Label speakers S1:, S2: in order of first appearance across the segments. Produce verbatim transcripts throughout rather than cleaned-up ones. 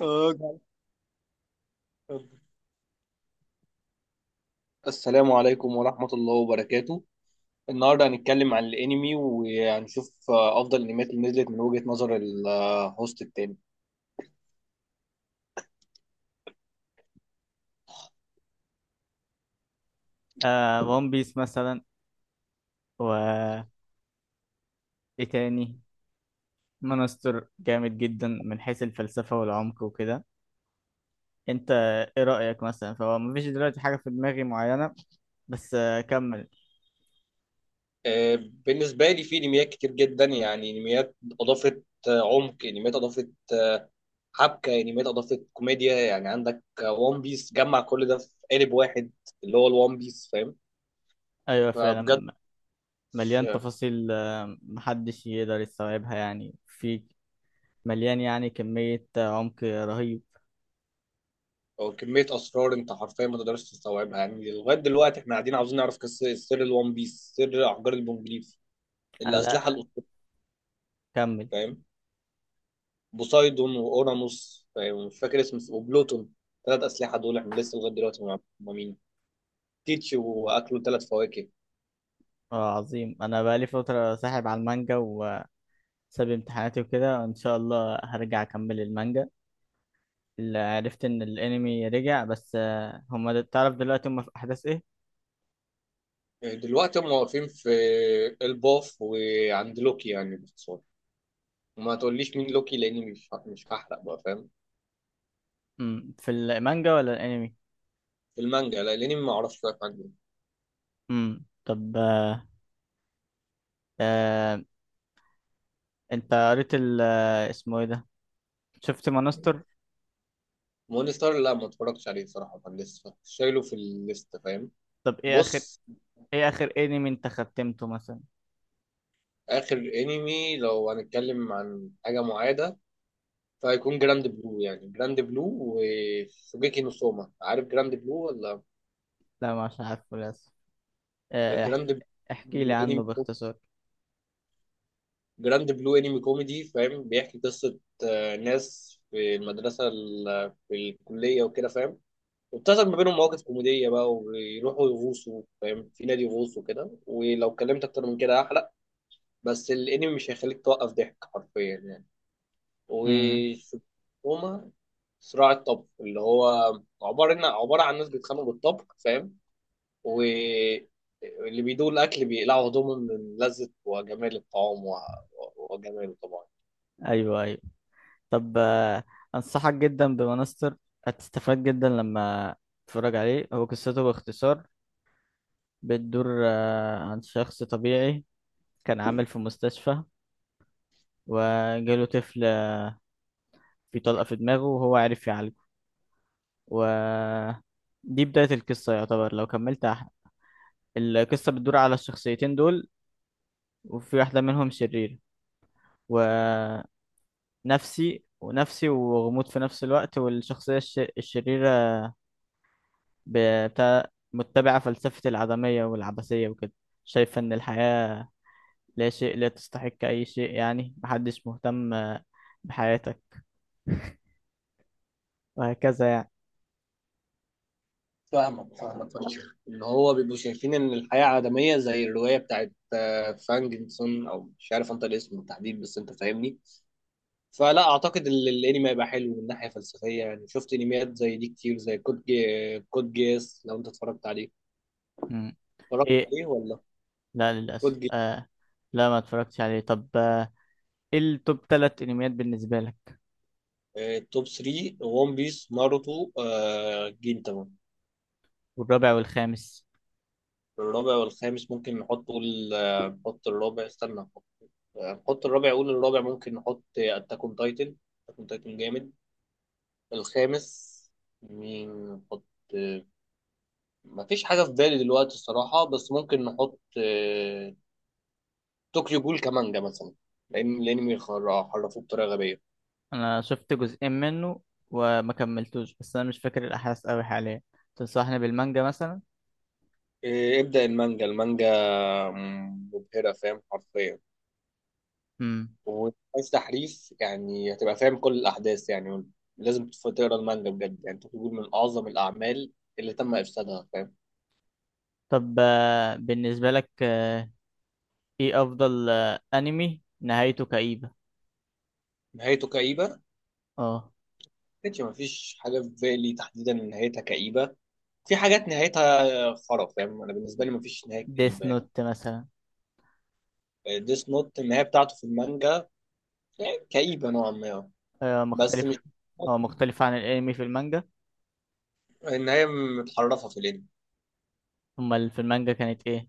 S1: آه، جدع. اتفضل. السلام عليكم ورحمة الله وبركاته. النهاردة هنتكلم عن الأنمي وهنشوف آه، أفضل الأنميات اللي نزلت من وجهة نظر الهوست التاني.
S2: آه ون بيس مثلا. و ايه تاني مانستر جامد جدا من حيث الفلسفة والعمق وكده. انت ايه رأيك مثلا؟ فهو مفيش دلوقتي حاجة في دماغي معينة، بس آه كمل.
S1: آه، بالنسبة لي في أنميات كتير جدا، يعني أنميات أضافت آه، عمق، أنميات أضافت آه، حبكة، أنميات أضافت كوميديا. يعني عندك وان بيس جمع كل ده في قالب واحد، اللي هو الوان بيس، فاهم؟
S2: ايوه
S1: فبجد
S2: فعلا، مليان تفاصيل، آه محدش يقدر يستوعبها، يعني في مليان، يعني كمية آه، عمق رهيب.
S1: هو كمية أسرار، أنت حرفيا ما تقدرش تستوعبها. يعني لغاية دلوقتي إحنا قاعدين عاوزين نعرف قصة سر الون بيس، سر أحجار البونجليف،
S2: آه،
S1: الأسلحة
S2: لا،
S1: الأسطورية،
S2: كمل.
S1: فاهم؟ بوسايدون وأورانوس، فاهم؟ مش فاكر اسم، وبلوتون. ثلاث أسلحة دول إحنا لسه لغاية دلوقتي ما نعرفش هما مين، تيتش وأكلوا ثلاث فواكه.
S2: اه عظيم. انا بقالي فترة ساحب على المانجا وساب امتحاناتي وكده، ان شاء الله هرجع اكمل المانجا اللي عرفت ان الانمي رجع. بس آه، هما د- تعرف دلوقتي هما في احداث ايه؟
S1: يعني دلوقتي هم واقفين في الباف وعند لوكي يعني باختصار. وما تقوليش مين لوكي لأني مش مش هحرق بقى، فاهم؟
S2: مم. في المانجا ولا الانمي؟
S1: في المانجا، لا، لأني ما أعرفش شوية حاجة.
S2: مم. طب آه. آه. انت قريت ال آه، اسمه ايه ده، شفت مانستر؟
S1: مون ستار، لا، ما اتفرجتش عليه صراحة، كان لسه شايله في الليست، فاهم؟
S2: طب ايه اخر،
S1: بص.
S2: ايه اخر انمي انت ختمته مثلا؟
S1: آخر انمي لو هنتكلم عن حاجة معادة فهيكون جراند بلو. يعني جراند بلو وشوجيكي نو سوما. عارف جراند بلو ولا؟
S2: لا مش عارفه للاسف. آه.
S1: جراند
S2: احكي، احكي
S1: بلو
S2: لي
S1: انمي.
S2: عنه باختصار.
S1: جراند بلو انمي كوميدي، فاهم؟ بيحكي قصة آه، ناس في المدرسة ال- في الكلية وكده، فاهم؟ وبتحصل ما بينهم مواقف كوميدية بقى، وبيروحوا يغوصوا، فاهم؟ في نادي يغوصوا كده. ولو اتكلمت أكتر من كده هحرق. بس الانمي مش هيخليك توقف ضحك حرفيا يعني.
S2: مم.
S1: وشكوما صراع الطبخ، اللي هو عبارة إن عبارة عن ناس بيتخانقوا بالطبخ، فاهم؟ واللي بيدوق الأكل بيقلعوا هدومهم من لذة وجمال الطعام و... وجماله طبعا.
S2: ايوه ايوه. طب آه. انصحك جدا بمانستر، هتستفاد جدا لما تتفرج عليه. هو قصته باختصار بتدور آه، عن شخص طبيعي كان عامل في مستشفى، وجاله طفل في طلقة في دماغه وهو عرف يعالجه، و دي بداية القصة يعتبر. لو كملت أح- القصة بتدور على الشخصيتين دول، وفي واحدة منهم شريرة ونفسي، ونفسي وغموض في نفس الوقت. والشخصية الش... الشريرة بتاع متبعة فلسفة العدمية والعبثية وكده، شايفة إن الحياة لا شيء، لا تستحق أي شيء، يعني محدش مهتم بحياتك، وهكذا يعني.
S1: فاهمك، فاهمك فشخ إن هو بيبقوا شايفين إن الحياة عدمية، زي الرواية بتاعت آه، فانجنسون أو مش عارف أنت الاسم بالتحديد، بس أنت فاهمني. فلا اعتقد ال- الانمي هيبقى حلو من ناحيه فلسفيه يعني. شفت انميات زي دي كتير، زي كود جي... كود جيس لو انت اتفرجت عليه.
S2: مم.
S1: اتفرجت
S2: إيه،
S1: عليه ولا؟
S2: لا للأسف
S1: كود جيس.
S2: آه. لا ما اتفرجتش عليه. طب آه، ايه التوب تلات انميات بالنسبة لك؟
S1: آه، توب تلاتة: ون بيس، ناروتو، آه، جينتاما.
S2: والرابع والخامس؟
S1: الرابع والخامس ممكن نحط. قول آه، نحط الرابع. استنى، نحط آه، نحط الرابع. قول الرابع ممكن نحط اتاك اون تايتن. اتاك اون تايتن جامد. الخامس مين نحط؟ آه، مفيش حاجة في بالي دلوقتي الصراحة. بس ممكن نحط آه، طوكيو جول كمانجا مثلا، لان الانمي خر- حرفوه بطريقه غبيه.
S2: انا شفت جزئين منه وما كملتوش، بس انا مش فاكر الاحداث قوي حاليا. تنصحني بالمانجا مثلا؟
S1: إيه، ابدا، المانجا، المانجا م- مبهره، فاهم؟ حرفيا.
S2: امم.
S1: وعايز تحريف يعني هتبقى فاهم كل الاحداث يعني. لازم تف- تقرا المانجا بجد يعني. طوكيو جول من اعظم الاعمال اللي تم افسادها، فاهم؟
S2: طب آه بالنسبة لك آه ايه افضل آه انمي نهايته كئيبة؟
S1: نهايته كئيبه؟
S2: اه،
S1: كانش مفيش حاجه في بالي تحديدا إن نهايتها كئيبه. في حاجات نهايتها خرف، فاهم؟ انا بالنسبه لي مفيش نهايه
S2: ديث
S1: كئيبه يعني.
S2: نوت مثلا.
S1: ديس نوت النهايه بتاعته في المانجا يعني كئيبه نوعا ما،
S2: آه
S1: بس مش.
S2: مختلف. هو مختلف عن الانمي في المانجا؟
S1: النهاية متحرفة في الانمي.
S2: امال في المانجا كانت ايه؟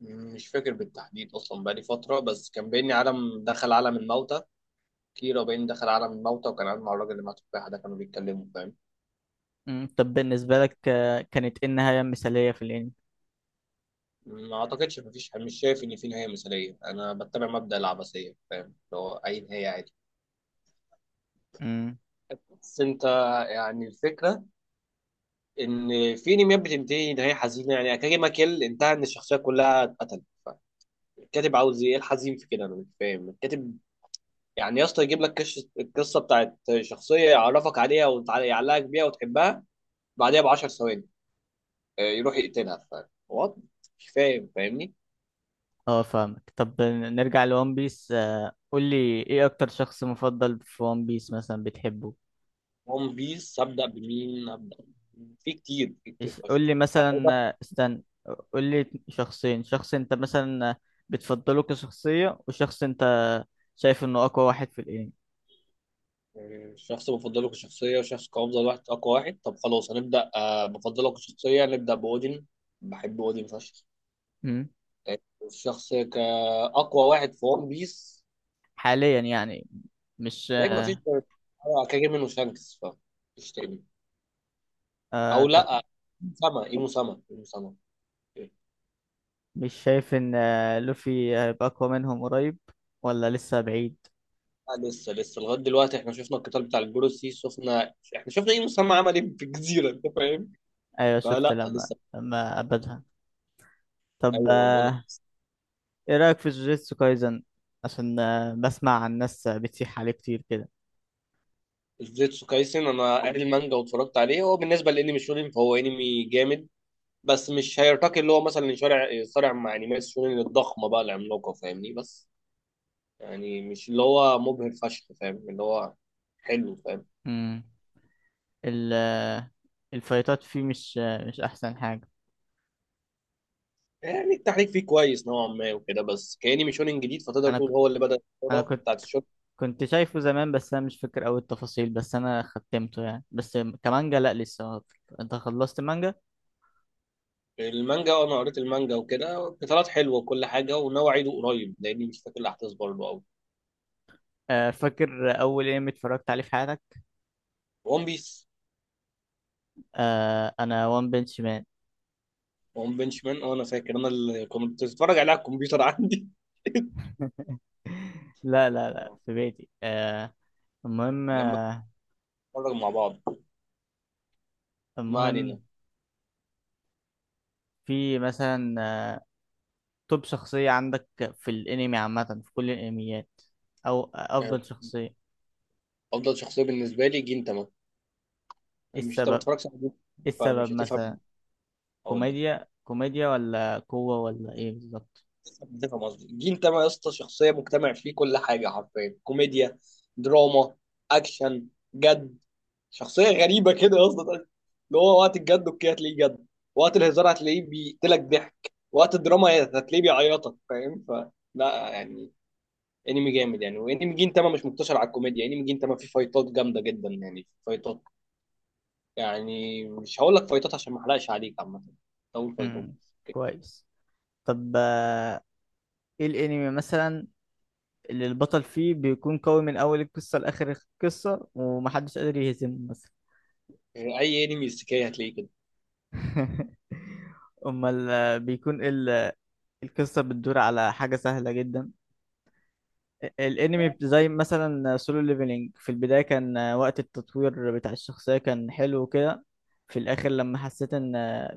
S1: مش فاكر بالتحديد أصلا، بقالي فترة. بس كان بيني عالم دخل عالم الموتى. كيرا بين دخل عالم الموتى وكان قاعد مع الراجل اللي مع التفاحة ده، كانوا بيتكلموا، فاهم؟
S2: امم. طب بالنسبة لك آه كانت ايه النهاية المثالية في الانمي؟
S1: ما أعتقدش. مفيش، مش شايف إن في نهاية مثالية. أنا بتبع مبدأ العبثية، فاهم؟ اللي هو أي نهاية عادي.
S2: مم.
S1: بس أنت يعني الفكرة إن في أنميات بتنتهي نهاية حزينة. يعني أكاجي ما كيل انتهى إن الشخصية كلها اتقتلت. الكاتب عاوز إيه الحزين في كده؟ أنا مش فاهم الكاتب يعني. يا اسطى يجيب لك كش- القصه بتاعت شخصيه، يعرفك عليها ويعلقك بيها وتحبها، بعدها ب عشرة ثواني آه، يروح يقتلها. ف، وات؟ مش فاهم، فاهمني؟
S2: اه فاهمك. طب نرجع لون بيس، قول لي ايه اكتر شخص مفضل في وان بيس مثلا بتحبه؟
S1: ون بيس هبدا بمين هبدا بمين؟ في كتير، في كتير
S2: قول
S1: فشخ.
S2: لي مثلا،
S1: أعوضة.
S2: آه، استنى، قول لي شخصين: شخص انت مثلا آه، بتفضله كشخصية، وشخص انت شايف انه اقوى واحد في الانمي.
S1: شخص بفضله كشخصية وشخص كأفضل واحد أقوى واحد. طب خلاص هنبدأ آه، بفضله كشخصية نبدأ بأودين. بحب أودين فشخ.
S2: مم.
S1: آه، الشخص كأقوى واحد في ون بيس
S2: حاليا يعني، مش
S1: هلاقي مفيش
S2: آه.
S1: غير كاجي. منه شانكس، فمفيش تاني.
S2: آه
S1: او
S2: ط-.
S1: لا، مسامة ايه مسامة ايه مسامة. إيه.
S2: مش شايف ان آه، لوفي هيبقى اقوى منهم قريب ولا لسه بعيد؟
S1: لا لسه، لسه لغايه دلوقتي احنا شفنا القتال بتاع الجروسي. شفنا احنا شفنا ايه مسامة عمل ايه في الجزيره، انت فاهم؟
S2: ايوه شفت
S1: فلا
S2: لما،
S1: لسه.
S2: لما ابدها. طب
S1: ايوه ما بقول لك.
S2: آه، ايه رأيك في جوجيتسو كايزن؟ عشان آه، بسمع عن ناس آه، بتسيح عليه كتير كده.
S1: جوجيتسو كايسن انا قاري المانجا واتفرجت عليه. هو بالنسبه لانمي شونين فهو انمي جامد، بس مش هيرتقي. اللي هو مثلا يصارع يصارع مع انميات شونين الضخمه بقى العملاقه، فاهمني؟ بس يعني مش اللي هو مبهر فشخ، فاهم؟ اللي هو حلو، فاهم؟
S2: امم. ال- آه، الفايتات فيه، مش آه، مش احسن حاجة.
S1: يعني التحريك فيه كويس نوعا ما وكده، بس كأني ميشونين جديد فتقدر
S2: انا
S1: تقول
S2: ك-
S1: هو اللي بدأ
S2: انا
S1: الكورة
S2: كنت
S1: بتاعت الشوت.
S2: كنت شايفه زمان، بس انا مش فاكر اوي التفاصيل، بس انا ختمته يعني. بس كمانجا لا لسه. انت خلصت مانجا؟
S1: المانجا، وأنا قريت المانجا وكده قتالات حلوة وكل حاجة، وناوي أعيده قريب لأني مش فاكر الأحداث برضه أوي.
S2: آه، فاكر اول انمي اتفرجت عليه في حياتك؟
S1: ون بيس.
S2: آه، انا وان بنش مان.
S1: ون بنش مان. أه، أنا فاكر، أنا اللي كنت بتفرج عليه على الكمبيوتر عندي.
S2: لا لا لا،
S1: آه.
S2: في بيتي آه، المهم،
S1: لما
S2: آه،
S1: نتفرج مع بعض. ما
S2: المهم
S1: علينا.
S2: في مثلا توب شخصية عندك في الانمي عامة في كل الانميات، او
S1: آه.
S2: افضل شخصية؟
S1: أفضل شخصية بالنسبة لي جنتاما.
S2: ايه
S1: مش أنت ما
S2: السبب،
S1: تتفرجش على جنتاما،
S2: ايه
S1: فمش
S2: السبب
S1: هتفهم.
S2: مثلا؟
S1: أقول،
S2: كوميديا، كوميديا ولا قوة ولا ايه بالظبط؟
S1: ده فاهم قصدي؟ الجيل ده بقى يا اسطى، شخصيه مجتمع فيه كل حاجه حرفيا. كوميديا، دراما، اكشن، جد. شخصيه غريبه كده يا اسطى. اللي هو وقت الجد اوكي هتلاقيه جد، وقت الهزار هتلاقيه بيقتلك ضحك، وقت الدراما هتلاقيه بيعيطك، فاهم؟ ف، لا يعني، انمي جامد يعني. وانمي جين تاما مش مقتصر على الكوميديا. انمي جين تاما فيه فايتات جامده جدا، يعني فايتات. يعني مش هقول لك فايتات عشان ما احرقش عليك عامه. اول فايتات.
S2: امم، كويس. طب آه، ايه الانمي مثلا اللي البطل فيه بيكون قوي من اول القصة لاخر القصة ومحدش قادر يهزمه مثلا؟
S1: اي انمي استكاية هتلاقيه كده.
S2: امال آه، بيكون ال- القصة بتدور على حاجة سهلة جدا. الانمي زي مثلا سولو ليفلينج، في البدايه كان وقت التطوير بتاع الشخصيه كان حلو كده، في الاخر لما حسيت ان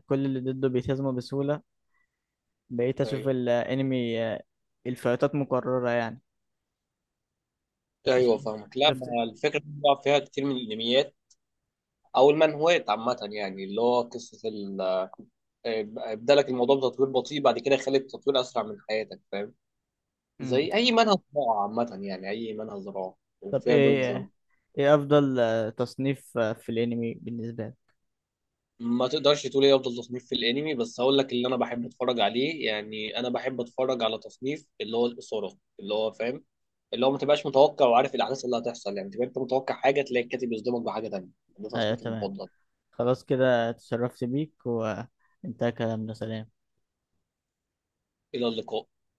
S2: كل اللي ضده بيتهزموا بسهوله، بقيت اشوف
S1: ايوه،
S2: الانمي الفايتات مكرره يعني. انت شفت،
S1: ايوه فاهمك. لا،
S2: شفت؟
S1: ما الفكره دي بيلعب فيها كتير من الانميات او المانهوات عامه يعني. اللي هو قصه ال، ابدا لك الموضوع بتطوير بطيء بعد كده يخلي التطوير اسرع من حياتك، فاهم؟
S2: مم.
S1: زي اي منهج زراعه عامه يعني، اي منهج زراعه
S2: طب
S1: وفيها دونجون.
S2: ايه، ايه افضل تصنيف في الانمي بالنسبه لك؟
S1: ما تقدرش تقول ايه افضل تصنيف في الانمي، بس هقول لك اللي انا بحب اتفرج عليه. يعني انا بحب اتفرج على تصنيف، اللي هو الاثاره، اللي هو فاهم؟ اللي هو ما تبقاش متوقع وعارف الاحداث اللي هتحصل. يعني تبقى انت متوقع حاجه تلاقي الكاتب يصدمك بحاجه تانيه. ده
S2: ايوه
S1: تصنيفي
S2: تمام،
S1: المفضل.
S2: خلاص كده تشرفت بيك وانتهى كلامنا، سلام.
S1: الى اللقاء.